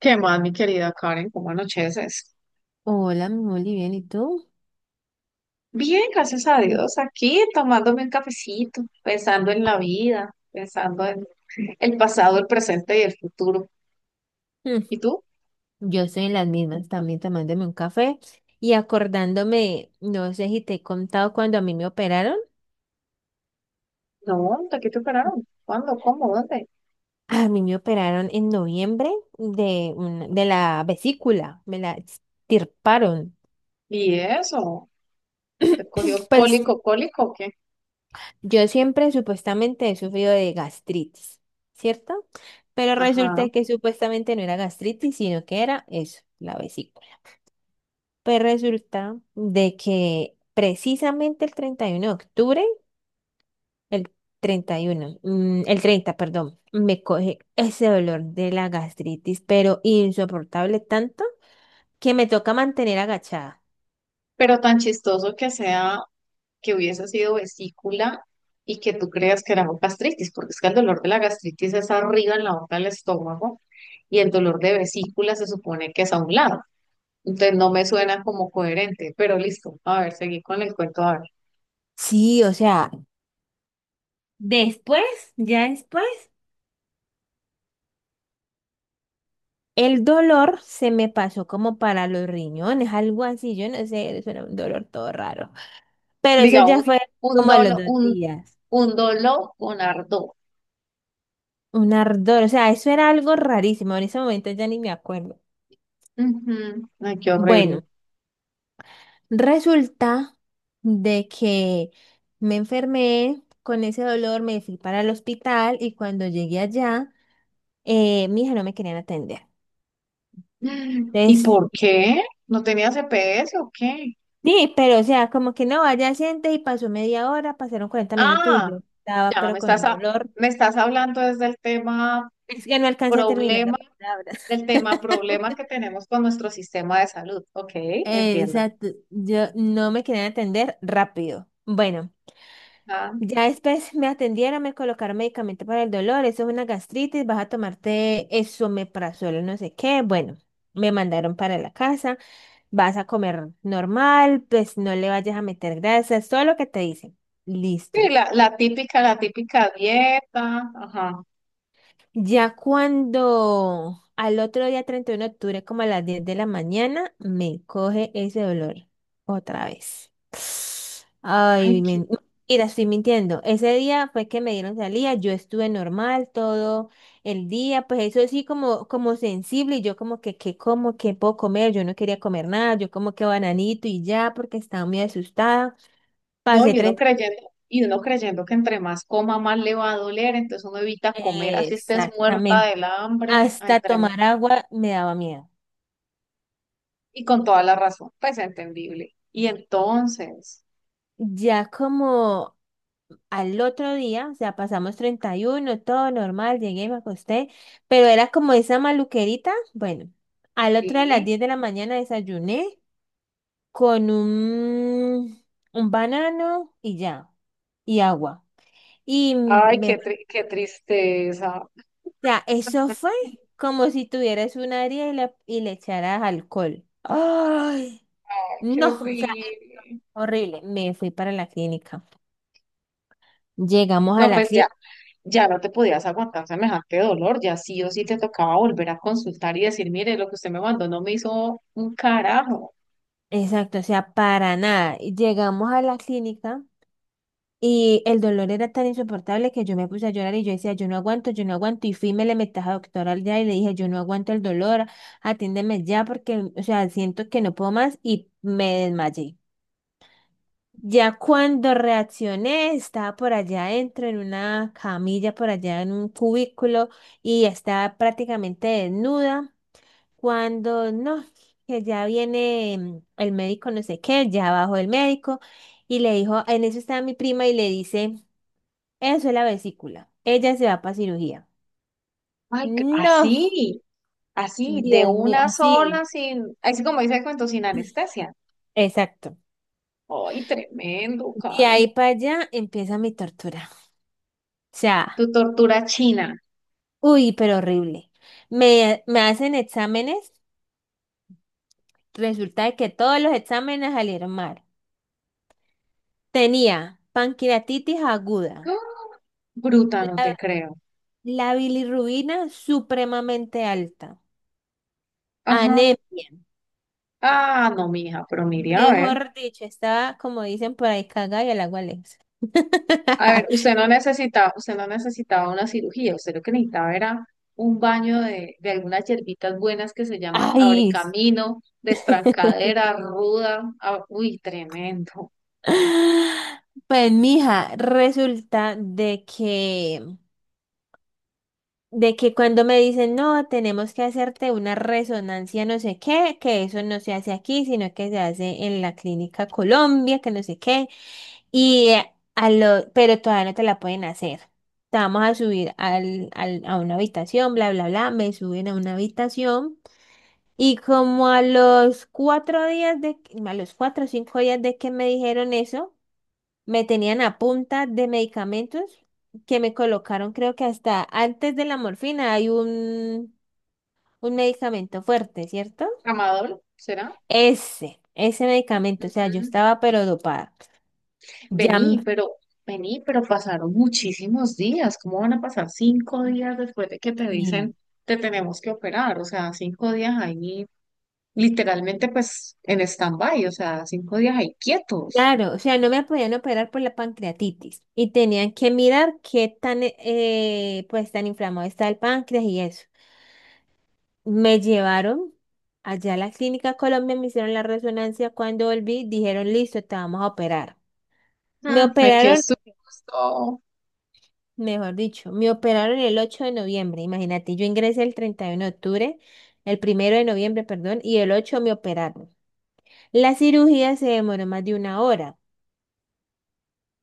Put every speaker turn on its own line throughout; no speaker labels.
¿Qué más, mi querida Karen? ¿Cómo anocheces?
Hola, mi Moli, bien, ¿y tú?
Bien, gracias a
Mm.
Dios, aquí tomándome un cafecito, pensando en la vida, pensando en el pasado, el presente y el futuro.
Mm,
¿Y tú?
Yo estoy en las mismas, también tomándome un café y acordándome, no sé si te he contado cuando a mí me operaron.
No, ¿de qué te operaron? ¿Cuándo? ¿Cómo? ¿Dónde?
A mí me operaron en noviembre de la vesícula, me la extirparon.
¿Y eso? ¿Te cogió
Pues
cólico, cólico o qué?
yo siempre supuestamente he sufrido de gastritis, ¿cierto? Pero
Ajá.
resulta que supuestamente no era gastritis, sino que era eso, la vesícula. Pues resulta de que precisamente el 31 de octubre, el 31, el 30, perdón, me coge ese dolor de la gastritis, pero insoportable tanto que me toca mantener agachada.
Pero tan chistoso que sea que hubiese sido vesícula y que tú creas que era gastritis, porque es que el dolor de la gastritis es arriba en la boca del estómago y el dolor de vesícula se supone que es a un lado. Entonces no me suena como coherente, pero listo. A ver, seguí con el cuento. A ver.
Sí, o sea, después, ya después, el dolor se me pasó como para los riñones, algo así, yo no sé, eso era un dolor todo raro. Pero eso ya
Digamos,
fue
un
como a
dolo,
los dos
un,
días.
un dolo con ardor.
Un ardor, o sea, eso era algo rarísimo, en ese momento ya ni me acuerdo.
Ujú. Ay, qué horrible.
Bueno, resulta de que me enfermé con ese dolor, me fui para el hospital y cuando llegué allá, mi hija no me querían atender.
¿Y
Entonces,
por qué? ¿No tenía CPS o qué?
sí, pero o sea, como que no, allá siente y pasó media hora, pasaron 40 minutos y
Ah,
yo estaba,
ya
pero
me
con
estás,
un
ha-
dolor.
me estás hablando desde el tema
Es que no alcancé a terminar la
problema,
palabra.
del tema problema que tenemos con nuestro sistema de salud. Ok, entiendo.
Exacto, yo no me querían atender rápido. Bueno,
Ah,
ya después me atendieron, me colocaron medicamento para el dolor, eso es una gastritis, vas a tomarte eso, suelo no sé qué. Bueno, me mandaron para la casa, vas a comer normal, pues no le vayas a meter grasa, es todo lo que te dicen.
sí,
Listo.
la típica dieta. Ajá.
Ya cuando al otro día, 31 de octubre, como a las 10 de la mañana, me coge ese dolor otra vez.
Ay,
Ay,
qué.
mira, estoy mintiendo. Ese día fue que me dieron salida, yo estuve normal todo el día, pues eso sí como sensible, y yo como que, ¿qué como? ¿Qué puedo comer? Yo no quería comer nada, yo como que bananito y ya, porque estaba muy asustada.
No,
Pasé treinta
y uno creyendo que entre más coma, más le va a doler, entonces uno evita comer, así estés muerta
exactamente.
del hambre, ay,
Hasta
tremendo.
tomar agua me daba miedo.
Y con toda la razón, pues entendible. Y entonces,
Ya como al otro día, o sea, pasamos 31 todo normal, llegué y me acosté, pero era como esa maluquerita. Bueno, al otro día a las
sí,
10 de la mañana desayuné con un banano y ya, y agua.
ay,
O
qué, qué tristeza,
sea, eso fue como si tuvieras un área y le echaras alcohol. ¡Ay!
ay, qué
No, o sea,
horrible.
horrible. Me fui para la clínica. Llegamos a
No,
la
pues ya,
clínica.
ya no te podías aguantar semejante dolor, ya sí o sí te tocaba volver a consultar y decir, mire, lo que usted me mandó no me hizo un carajo.
Exacto, o sea, para nada. Y llegamos a la clínica y el dolor era tan insoportable que yo me puse a llorar y yo decía, yo no aguanto, yo no aguanto. Y fui, y me le metí a la doctora al día y le dije, yo no aguanto el dolor, atiéndeme ya porque, o sea, siento que no puedo más y me desmayé. Ya cuando reaccioné, estaba por allá adentro en una camilla, por allá en un cubículo y estaba prácticamente desnuda cuando no, que ya viene el médico, no sé qué, ya bajó el médico y le dijo, en eso está mi prima y le dice, eso es la vesícula, ella se va para cirugía.
Ay, qué-
No,
así. Así, de
Dios mío,
una
así.
sola, sin, así como dice el cuento, sin anestesia.
Exacto.
¡Ay, tremendo,
De
Karen!
ahí para allá empieza mi tortura. O
Tu
sea,
tortura china.
uy, pero horrible. Me hacen exámenes, resulta de que todos los exámenes salieron mal. Tenía pancreatitis aguda.
¡Ah! Bruta, no te creo.
La bilirrubina supremamente alta.
Ajá.
Anemia.
Ah, no, mija, pero mire, a ver.
Mejor dicho, estaba, como dicen por ahí, cagada y al agua Alexa.
A ver, usted no necesitaba una cirugía, usted lo que necesitaba era un baño de algunas hierbitas buenas que se llaman
Ay, sí.
abrecamino, destrancadera, ruda. Ah, uy, tremendo.
Pues, mija, resulta de que cuando me dicen, no, tenemos que hacerte una resonancia, no sé qué, que eso no se hace aquí, sino que se hace en la clínica Colombia, que no sé qué. Y pero todavía no te la pueden hacer. Te vamos a subir a una habitación, bla, bla, bla. Me suben a una habitación. Y como a los 4 o 5 días de que me dijeron eso, me tenían a punta de medicamentos que me colocaron, creo que hasta antes de la morfina hay un medicamento fuerte, ¿cierto?
¿Amador? ¿Será?
Ese medicamento, o sea, yo
Ujú.
estaba pero dopada. Ya,
Vení, pero, vení, pero pasaron muchísimos días. ¿Cómo van a pasar cinco días después de que te
mm,
dicen te tenemos que operar? O sea, cinco días ahí, literalmente, pues, en stand-by, o sea, cinco días ahí quietos.
claro, o sea, no me podían operar por la pancreatitis y tenían que mirar qué tan, pues, tan inflamado está el páncreas y eso. Me llevaron allá a la clínica Colombia, me hicieron la resonancia. Cuando volví, dijeron, listo, te vamos a operar. Me
Mm, aquí
operaron,
estuvimos todo.
mejor dicho, me operaron el 8 de noviembre. Imagínate, yo ingresé el 31 de octubre, el primero de noviembre, perdón, y el 8 me operaron. La cirugía se demoró más de una hora.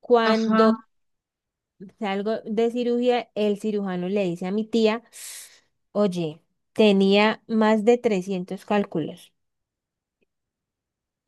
Cuando
Ajá.
salgo de cirugía, el cirujano le dice a mi tía, oye, tenía más de 300 cálculos.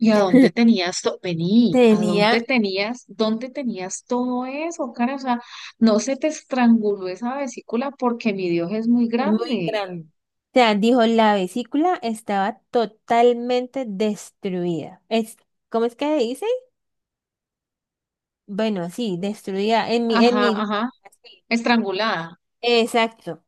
¿Y a dónde tenías todo? Vení,
Tenía,
¿dónde tenías todo eso, cara? O sea, no se te estranguló esa vesícula porque mi Dios es muy
Es muy
grande.
grande. O sea, dijo, la vesícula estaba totalmente destruida. Es, ¿cómo es que dice? Bueno, sí, destruida en mi, en
Ajá,
mi,
ajá.
así.
Estrangulada.
Exacto.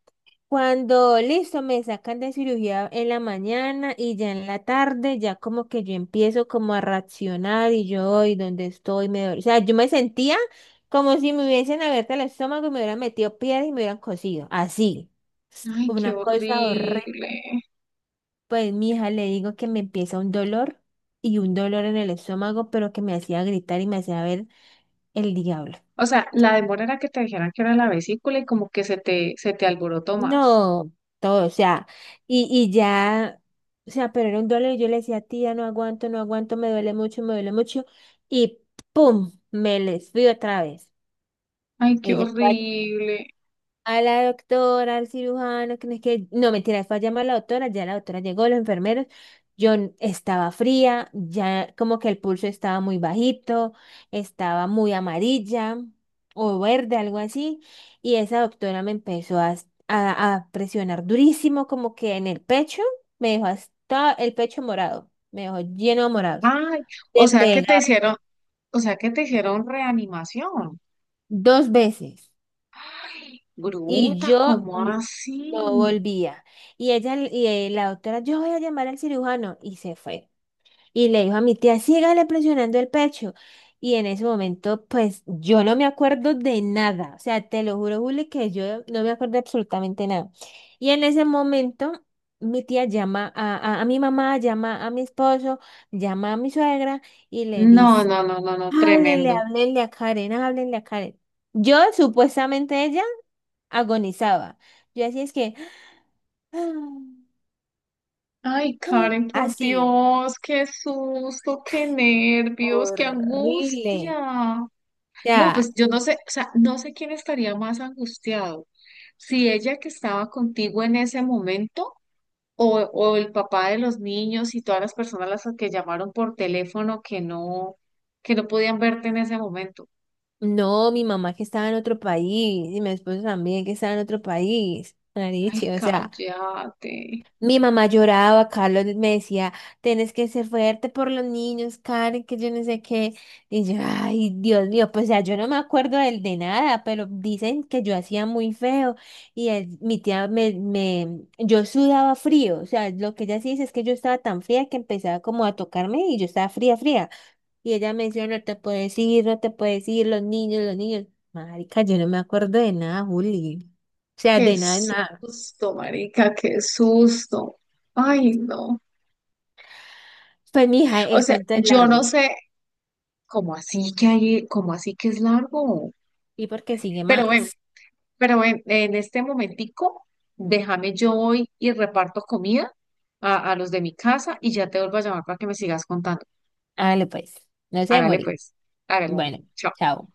Cuando listo, me sacan de cirugía en la mañana y ya en la tarde, ya como que yo empiezo como a reaccionar y donde estoy, me duele. O sea, yo me sentía como si me hubiesen abierto el estómago y me hubieran metido piedras y me hubieran cosido. Así,
Ay, qué
una cosa horrible.
horrible.
Pues mi hija le digo que me empieza un dolor y un dolor en el estómago, pero que me hacía gritar y me hacía ver el diablo.
O sea, la demora era que te dijeran que era la vesícula y como que se te alborotó más.
No, todo, o sea, y ya, o sea, pero era un dolor y yo le decía, tía, no aguanto, no aguanto, me duele mucho, y pum, me les fui otra vez.
Ay, qué
Ella
horrible.
a la doctora, al cirujano, que no es que, no, mentira, fue a llamar a la doctora, ya la doctora llegó, los enfermeros, yo estaba fría, ya como que el pulso estaba muy bajito, estaba muy amarilla o verde, algo así, y esa doctora me empezó a presionar durísimo, como que en el pecho, me dejó hasta el pecho morado, me dejó lleno de morados,
Ay, o
de
sea que te hicieron,
pegarme
o sea que te hicieron reanimación.
2 veces,
Ay,
y
bruta,
yo
¿cómo
no
así?
volvía. Y ella, la doctora, yo voy a llamar al cirujano. Y se fue. Y le dijo a mi tía, sígale presionando el pecho. Y en ese momento, pues yo no me acuerdo de nada. O sea, te lo juro, Juli, que yo no me acuerdo de absolutamente nada. Y en ese momento, mi tía llama a mi mamá, llama a mi esposo, llama a mi suegra y le
No,
dice,
no, no, no, no,
háblele,
tremendo.
háblenle a Karen, háblenle a Karen. Yo, supuestamente ella, agonizaba. Yo así es que...
Ay, Karen, por
Así,
Dios, qué susto, qué nervios, qué
horrible.
angustia.
O
No,
sea,
pues yo no sé, o sea, no sé quién estaría más angustiado, si ella que estaba contigo en ese momento o el papá de los niños y todas las personas las que llamaron por teléfono que no podían verte en ese momento.
no, mi mamá que estaba en otro país y mi esposo también que estaba en otro país.
Ay,
Marichi, o sea,
cállate.
mi mamá lloraba, Carlos me decía, tienes que ser fuerte por los niños, Karen, que yo no sé qué. Y yo, ay, Dios mío, pues ya yo no me acuerdo del de nada, pero dicen que yo hacía muy feo. Y mi tía yo sudaba frío. O sea, lo que ella sí dice es que yo estaba tan fría que empezaba como a tocarme y yo estaba fría, fría. Y ella me decía, no te puedes ir, no te puedes ir, los niños, los niños. Marica, yo no me acuerdo de nada, Juli. O sea,
Qué
de nada, de nada.
susto, marica, qué susto. Ay, no.
Pues, mija,
O
el
sea,
cuento es
yo no
largo.
sé cómo así que hay, cómo así que es largo.
Y porque sigue
Pero bueno,
más.
pero en este momentico, déjame yo hoy y reparto comida a los de mi casa y ya te vuelvo a llamar para que me sigas contando.
Hágale pues. No se
Hágale
demore.
pues, hágale. Hágale.
Bueno,
Chao.
chao.